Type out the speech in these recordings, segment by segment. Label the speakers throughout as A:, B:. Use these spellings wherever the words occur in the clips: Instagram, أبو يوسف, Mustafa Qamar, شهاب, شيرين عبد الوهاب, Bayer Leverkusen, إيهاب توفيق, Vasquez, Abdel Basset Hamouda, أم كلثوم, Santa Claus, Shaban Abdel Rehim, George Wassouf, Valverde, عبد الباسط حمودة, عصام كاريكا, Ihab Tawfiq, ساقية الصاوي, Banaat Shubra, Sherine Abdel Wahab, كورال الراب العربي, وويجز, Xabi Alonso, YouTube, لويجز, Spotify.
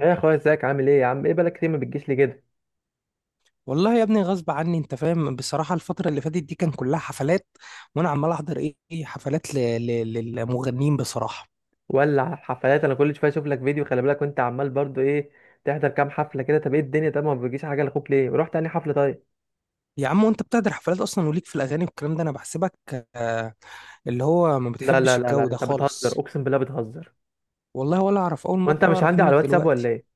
A: يا اخويا ازيك عامل ايه؟ يا عم ايه بقالك كتير ما بتجيش لي كده؟
B: والله يا ابني غصب عني، انت فاهم؟ بصراحة الفترة اللي فاتت دي كان كلها حفلات، وانا عمال احضر ايه حفلات. للمغنيين بصراحة.
A: ولا على الحفلات، انا كل شويه اشوف لك فيديو. خلي بالك، وانت عمال برضو ايه؟ تحضر كام حفله كده؟ طب ايه الدنيا؟ طب ما بتجيش حاجه لاخوك ليه؟ رحت تاني حفله طيب.
B: يا عم، وانت بتحضر حفلات اصلا وليك في الاغاني والكلام ده؟ انا بحسبك، آه، اللي هو ما
A: لا لا
B: بتحبش
A: لا لا
B: الجو ده
A: انت بتهزر،
B: خالص.
A: اقسم بالله بتهزر.
B: والله ولا اعرف، اول
A: وانت
B: مرة
A: مش
B: اعرف
A: عندي على
B: منك
A: الواتساب ولا
B: دلوقتي.
A: ايه؟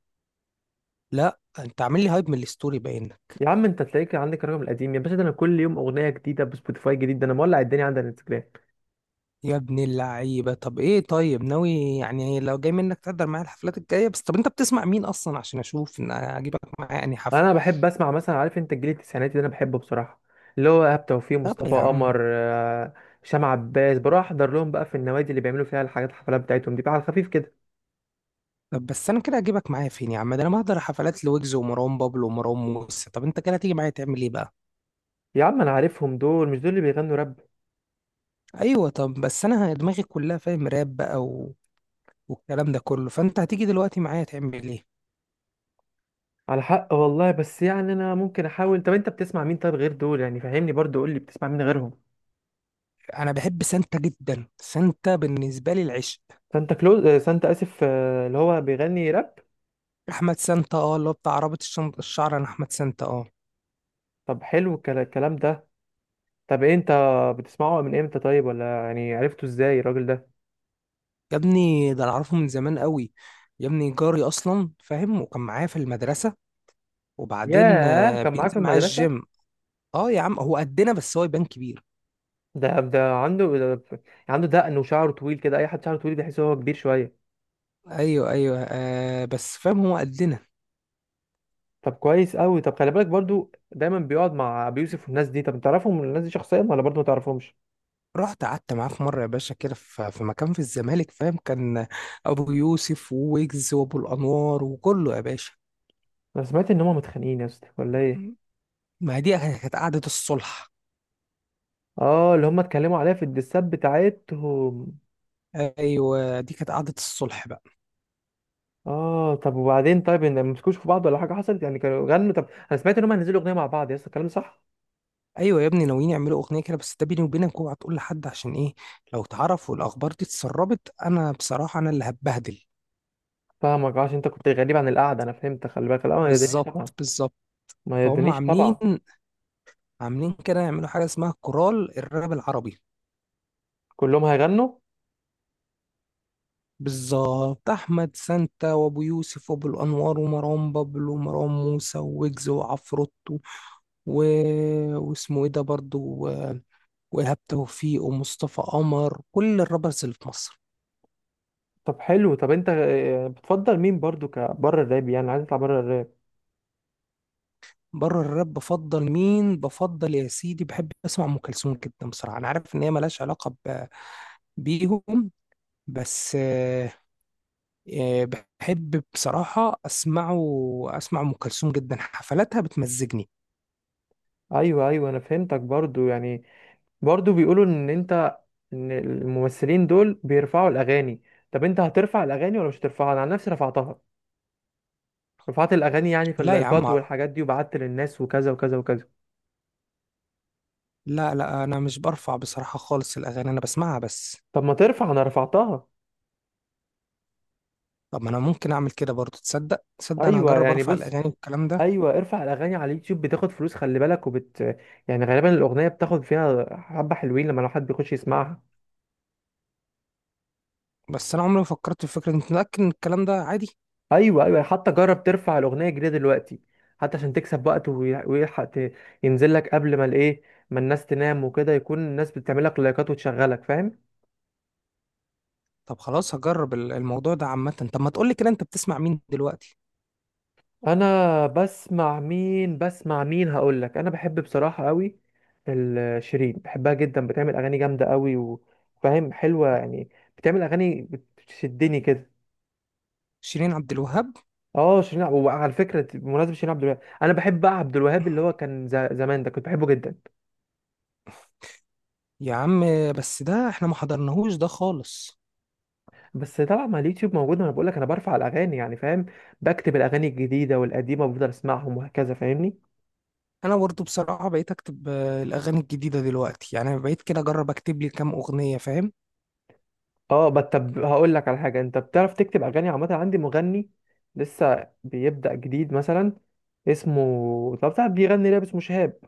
B: لا، انت عامل لي هايب من الستوري، باين لك.
A: يا عم انت تلاقيك عندك الرقم القديم يا باشا. ده انا كل يوم اغنيه جديده بسبوتيفاي جديد، ده انا مولع الدنيا عندي على الانستجرام.
B: يا ابن اللعيبة، طب ايه؟ طيب ناوي يعني لو جاي منك تحضر معايا الحفلات الجاية؟ بس طب انت بتسمع مين اصلا عشان اشوف ان اجيبك معايا انهي حفلة؟
A: انا بحب اسمع مثلا، عارف انت الجيل التسعيناتي ده انا بحبه بصراحه، اللي هو ايهاب توفيق،
B: طب
A: مصطفى
B: يا
A: قمر،
B: عم،
A: هشام عباس. بروح احضر لهم بقى في النوادي اللي بيعملوا فيها الحاجات، الحفلات بتاعتهم دي بقى على خفيف كده.
B: طب بس انا كده اجيبك معايا فين يا عم؟ ده انا بحضر حفلات لويجز ومروان بابلو ومروان موسى، طب انت كده هتيجي معايا تعمل ايه بقى؟
A: يا عم انا عارفهم دول، مش دول اللي بيغنوا راب؟
B: ايوه، طب بس انا دماغي كلها فاهم راب بقى والكلام ده كله، فانت هتيجي دلوقتي معايا تعمل ايه؟
A: على حق والله، بس يعني انا ممكن احاول. طب انت بتسمع مين طيب غير دول؟ يعني فهمني برضو، قول لي بتسمع مين غيرهم.
B: انا بحب سانتا جدا، سانتا بالنسبه لي العشق.
A: سانتا كلوز؟ سانتا، اسف، اللي هو بيغني راب.
B: احمد سانتا، اه، اللي هو بتاع عربة الشعر. انا احمد سانتا، اه.
A: طب حلو الكلام ده. طب إيه انت بتسمعه من امتى طيب؟ ولا يعني عرفته ازاي الراجل ده؟
B: يا ابني ده انا اعرفه من زمان قوي، يا ابني جاري اصلا فاهم، وكان معايا في المدرسه. وبعدين
A: ياه، كان معاك في
B: بينزل معايا
A: المدرسه؟
B: الجيم. اه يا عم، هو قدنا بس هو يبان كبير.
A: ده عنده، ده عنده دقن وشعره طويل كده. اي حد شعره طويل بيحس ان هو كبير شويه.
B: ايوه ايوه، آه، بس فاهم هو قدنا.
A: طب كويس قوي. طب خلي بالك برضو، دايما بيقعد مع ابو يوسف والناس دي. طب تعرفهم الناس دي شخصيا ولا برضو ما تعرفهمش؟
B: رحت قعدت معاه في مره يا باشا، كده في مكان في الزمالك، فاهم، كان ابو يوسف وويجز وابو الانوار وكله يا باشا.
A: انا سمعت ان هم متخانقين يا اسطى ولا ايه؟
B: ما دي كانت قعده الصلح.
A: اه، اللي هم اتكلموا عليها في الدسات بتاعتهم.
B: ايوه، دي كانت قعده الصلح بقى.
A: اه طب وبعدين طيب، ان ما مسكوش في بعض ولا حاجه حصلت يعني؟ كانوا غنوا؟ طب انا سمعت ان هم هينزلوا اغنيه مع بعض يا اسطى، الكلام ده صح؟
B: ايوه يا ابني، ناويين يعملوا اغنيه كده. بس ده بيني وبينك، اوعى تقول لحد، عشان ايه؟ لو اتعرف والاخبار دي اتسربت، انا بصراحه انا اللي هتبهدل.
A: فاهمك عشان انت كنت غريب عن القعده، انا فهمت. خلي بالك، لا ما يدنيش طبعا،
B: بالظبط، بالظبط.
A: ما
B: فهم
A: يدنيش
B: عاملين
A: طبعا.
B: عاملين كده يعملوا حاجه اسمها كورال الراب العربي.
A: كلهم هيغنوا؟
B: بالظبط، أحمد سانتا وأبو يوسف وأبو الأنوار ومروان بابلو ومروان موسى وويجز وعفروتو، و... واسمه إيه ده برضه، وإيهاب توفيق ومصطفى قمر، كل الرابرز اللي في مصر.
A: طب حلو. طب انت بتفضل مين برضو كبره الراب؟ يعني عايز تطلع بره الراب؟
B: بره الراب بفضل مين؟ بفضل يا سيدي، بحب أسمع أم كلثوم جدا. بصراحة أنا عارف إن هي ملهاش علاقة بيهم، بس آه، بحب بصراحة أسمعه. أسمع أم كلثوم جدا، حفلاتها بتمزجني.
A: ايوه ايوه، انا فهمتك برضو يعني. برضو بيقولوا ان انت، ان الممثلين دول بيرفعوا الاغاني. طب انت هترفع الاغاني ولا مش هترفعها؟ انا عن نفسي رفعتها، رفعت الاغاني يعني في
B: لا يا عم،
A: اللايكات والحاجات دي، وبعت للناس وكذا وكذا وكذا.
B: لا، لا، انا مش برفع بصراحة خالص الاغاني، انا بسمعها بس.
A: طب ما ترفع، انا رفعتها.
B: طب ما انا ممكن اعمل كده برضو، تصدق، تصدق، انا
A: ايوه
B: هجرب
A: يعني
B: ارفع
A: بص،
B: الاغاني والكلام ده.
A: ايوه ارفع الاغاني على اليوتيوب بتاخد فلوس، خلي بالك. وبت، يعني غالبا الاغنيه بتاخد فيها حبه حلوين لما لو حد بيخش يسمعها.
B: بس انا عمري ما فكرت في فكرة، انت متأكد ان الكلام ده عادي؟
A: ايوه ايوه، حتى جرب ترفع الاغنيه الجديده دلوقتي، حتى عشان تكسب وقت ويلحق ينزل لك قبل ما الايه، ما الناس تنام وكده، يكون الناس بتعمل لك لايكات وتشغلك، فاهم؟
B: طب خلاص هجرب الموضوع ده عامة. طب ما تقولي كده، انت بتسمع مين دلوقتي؟
A: انا بسمع مين؟ بسمع مين، هقول لك. انا بحب بصراحه قوي شيرين، بحبها جدا. بتعمل اغاني جامده قوي وفاهم، حلوه يعني. بتعمل اغاني بتشدني كده.
B: شيرين عبد الوهاب؟
A: اه شيرين وعلى فكره بمناسبه شيرين عبد الوهاب، انا بحب بقى عبد الوهاب، اللي هو كان زمان ده كنت بحبه جدا.
B: يا عم، بس ده احنا ما حضرناهوش ده خالص.
A: بس طبعا ما اليوتيوب موجود. انا بقول لك انا برفع الاغاني يعني، فاهم؟ بكتب الاغاني الجديده والقديمه وبفضل اسمعهم وهكذا، فاهمني؟
B: انا برضو بصراحة بقيت اكتب الاغاني الجديدة دلوقتي، يعني بقيت كده اجرب اكتب لي كام اغنية، فاهم.
A: اه طب هقول لك على حاجه، انت بتعرف تكتب اغاني عامه؟ عندي مغني لسه بيبدا جديد مثلا، اسمه طب بتاع بيغني راب، اسمه شهاب.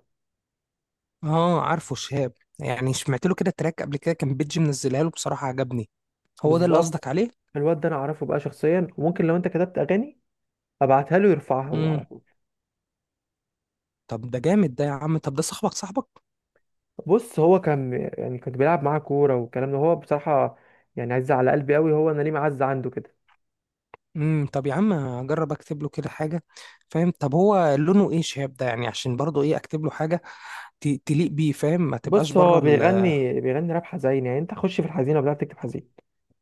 B: اه، عارفه شهاب، يعني سمعت له كده تراك قبل كده، كان بيتجي منزلها له بصراحة، عجبني. هو ده اللي
A: بالظبط،
B: قصدك عليه؟
A: الواد ده انا اعرفه بقى شخصيا، وممكن لو انت كتبت اغاني ابعتها له يرفعها هو على
B: امم،
A: طول.
B: طب ده جامد ده يا عم، طب ده صاحبك صاحبك؟
A: بص هو كان يعني كنت بيلعب معاه كوره والكلام ده، هو بصراحه يعني عز على قلبي قوي، هو انا ليه معز عنده كده.
B: امم، طب يا عم اجرب اكتب له كده حاجه، فاهم. طب هو لونه ايه شهاب ده يعني، عشان برضه ايه اكتب له حاجه تليق بيه، فاهم، ما تبقاش
A: بص
B: بره
A: هو بيغني راب حزين، يعني انت خش في الحزينه وبدأت تكتب حزين،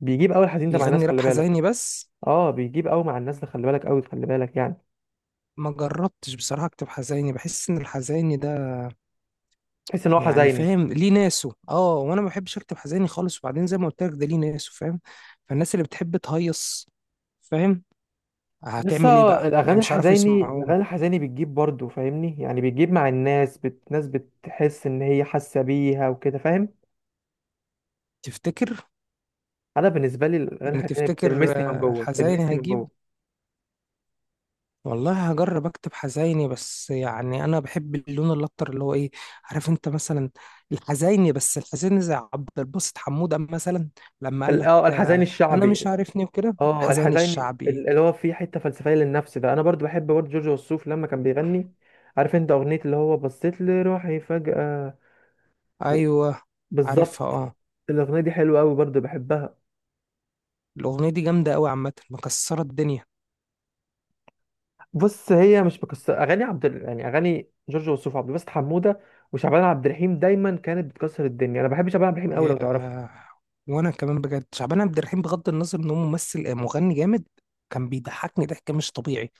A: بيجيب قوي الحزين ده مع الناس،
B: يغني راب
A: خلي بالك.
B: حزيني بس؟
A: اه بيجيب قوي مع الناس ده، خلي بالك قوي، خلي بالك يعني.
B: ما جربتش بصراحه اكتب حزيني، بحس ان الحزيني ده
A: تحس ان هو
B: يعني،
A: حزيني؟
B: فاهم، ليه ناسه. اه وانا ما بحبش اكتب حزيني خالص. وبعدين زي ما قلت لك، ده ليه ناسه فاهم، فالناس اللي بتحب تهيص، فاهم،
A: لسه،
B: هتعمل ايه بقى يعني؟
A: الاغاني
B: مش عارفوا
A: الحزيني
B: يسمعوه.
A: الاغاني الحزيني بتجيب برضه فاهمني، يعني بتجيب مع الناس، الناس بتحس ان هي حاسه بيها وكده، فاهم؟
B: تفتكر؟
A: انا بالنسبه لي الاغاني
B: يعني
A: الحزيني
B: تفتكر
A: بتلمسني من جوه،
B: الحزيني
A: بتلمسني من
B: هيجيب؟
A: جوه.
B: والله هجرب اكتب حزيني، بس يعني انا بحب اللون الاكتر اللي هو ايه، عارف انت، مثلا الحزيني، بس الحزيني زي عبد الباسط حمودة مثلا، لما قال لك
A: اه الحزين
B: آه انا مش
A: الشعبي،
B: عارفني وكده،
A: اه
B: الحزيني
A: الحزين
B: الشعبي.
A: اللي هو فيه حته فلسفيه للنفس ده. انا برضو بحب برضو جورج وسوف لما كان بيغني. عارف انت اغنيه اللي هو بصيت لروحي فجاه و-
B: ايوه، عارفها
A: بالظبط.
B: اه.
A: الاغنيه دي حلوه قوي، برضو بحبها.
B: الاغنيه دي جامده قوي عامه، مكسره الدنيا.
A: بص هي مش بكسر اغاني يعني اغاني جورج وسوف، عبد الباسط حموده وشعبان عبد الرحيم دايما كانت بتكسر الدنيا. انا بحب شعبان عبد الرحيم قوي،
B: يا،
A: لو تعرفه.
B: وانا كمان بجد شعبان عبد الرحيم، بغض النظر ان هو ممثل مغني جامد. كان بيضحكني ضحك مش طبيعي،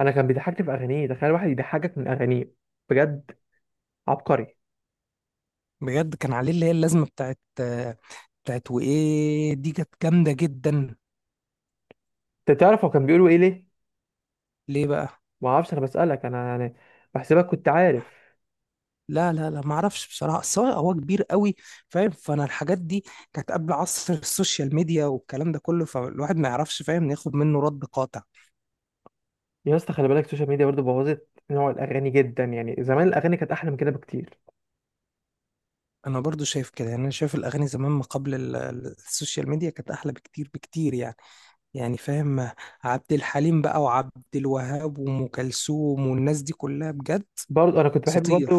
A: انا كان بيضحكني في اغانيه، تخيل واحد يضحكك من اغانيه! بجد عبقري.
B: بجد. كان عليه اللي هي اللازمة بتاعت وإيه، دي كانت جامدة جدا.
A: انت تعرف هو كان بيقولوا ايه ليه؟
B: ليه بقى؟
A: ما اعرفش، انا بسالك انا يعني، بحسبك كنت عارف.
B: لا لا لا، ما اعرفش بصراحة. بس هو كبير قوي، فاهم. فانا الحاجات دي كانت قبل عصر السوشيال ميديا والكلام ده كله، فالواحد ما يعرفش، فاهم، ياخد منه رد قاطع.
A: يا اسطى خلي بالك، السوشيال ميديا برضو بوظت نوع الاغاني جدا يعني، زمان الاغاني كانت احلى من كده بكتير.
B: انا برضو شايف كده، يعني انا شايف الاغاني زمان ما قبل السوشيال ميديا كانت احلى بكتير بكتير يعني، يعني فاهم. عبد الحليم بقى وعبد الوهاب وام كلثوم والناس دي كلها، بجد
A: برضو انا كنت بحب برضو
B: اساطير.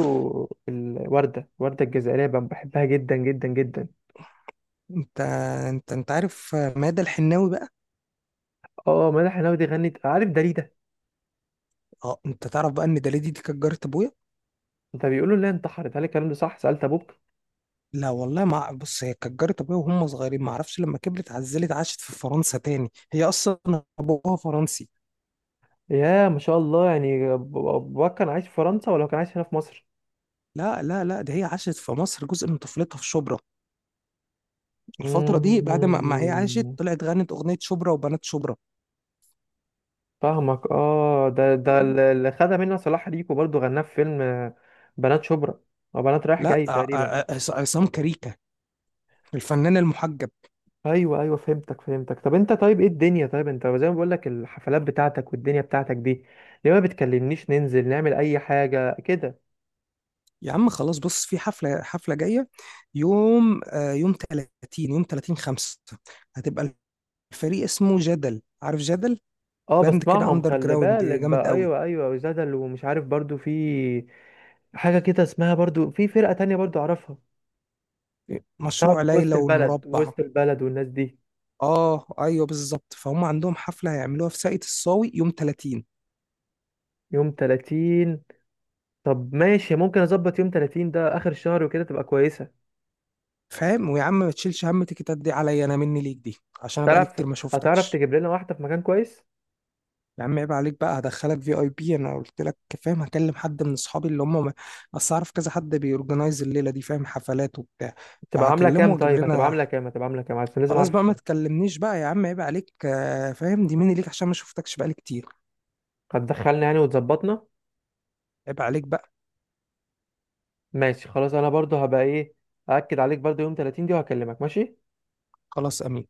A: الورده، الورده الجزائريه بقى، بحبها جدا جدا جدا.
B: انت، انت عارف مادة الحناوي بقى؟
A: اه مدح الناوي، غنت. عارف داليدا؟
B: اه، انت تعرف بقى ان دليدي دي كانت جارة ابويا؟
A: ده بيقولوا لها انتحرت، هل الكلام ده صح؟ سالت ابوك؟
B: لا والله ما، بص هي كانت جارة ابويا وهم صغيرين، ما اعرفش لما كبرت عزلت عاشت في فرنسا تاني. هي اصلا ابوها فرنسي.
A: يا ما شاء الله، يعني باباك كان عايش في فرنسا ولا كان عايش هنا في مصر؟
B: لا لا لا، ده هي عاشت في مصر جزء من طفولتها في شبرا، الفترة دي، بعد ما هي عاشت،
A: مم،
B: طلعت غنت اغنية شبرا وبنات شبرا،
A: فاهمك. اه ده
B: فاهم؟
A: اللي خدها منها صلاح ريكو، برضو غناه في فيلم بنات شبرا، او بنات رايح
B: لا
A: جاي تقريبا.
B: عصام كاريكا، الفنان المحجب.
A: ايوه ايوه فهمتك، فهمتك. طب انت طيب ايه الدنيا طيب، انت زي ما بقول لك الحفلات بتاعتك والدنيا بتاعتك دي، ليه ما بتكلمنيش ننزل نعمل اي حاجه كده؟
B: يا عم خلاص، بص في حفلة جاية، يوم آه، يوم 30 يوم 30 5، هتبقى. فريق اسمه جدل، عارف جدل؟
A: اه
B: باند كده
A: بسمعهم،
B: اندر
A: خلي
B: جراوند
A: بالك
B: جامد
A: بقى.
B: قوي،
A: ايوه ايوه، وزدل ومش عارف برضو، في حاجه كده اسمها برضو، في فرقه تانية برضو اعرفها. طب
B: مشروع
A: وسط
B: ليلى
A: البلد،
B: والمربع.
A: وسط البلد والناس دي؟
B: اه ايوه بالظبط، فهم عندهم حفله هيعملوها في ساقية الصاوي يوم 30.
A: يوم 30؟ طب ماشي، ممكن اظبط. يوم 30 ده اخر الشهر وكده، تبقى كويسه.
B: فاهم، ويا عم ما تشيلش هم تيكتات دي عليا، انا مني ليك دي، عشان انا بقالي
A: تعرف
B: كتير ما
A: هتعرف
B: شفتكش.
A: تجيب لنا واحده في مكان كويس؟
B: يا عم عيب عليك بقى، هدخلك في اي بي، انا قلت لك، فاهم. هكلم حد من اصحابي اللي هم، اصل اعرف كذا حد بيورجنايز الليله دي، فاهم، حفلات وبتاع،
A: تبقى عامله
B: فهكلمه
A: كام
B: واجيب
A: طيب؟ هتبقى
B: لنا.
A: عامله كام؟ هتبقى عامله كام؟ عشان لازم
B: خلاص
A: اعرف.
B: بقى ما تكلمنيش بقى يا عم، عيب عليك فاهم، دي مني ليك عشان ما شفتكش بقالي كتير.
A: هتدخلنا يعني وتظبطنا؟
B: عيب عليك بقى.
A: ماشي خلاص. انا برضو هبقى ايه، اكد عليك برضو يوم 30 دي، وهكلمك، ماشي.
B: خلاص، امين.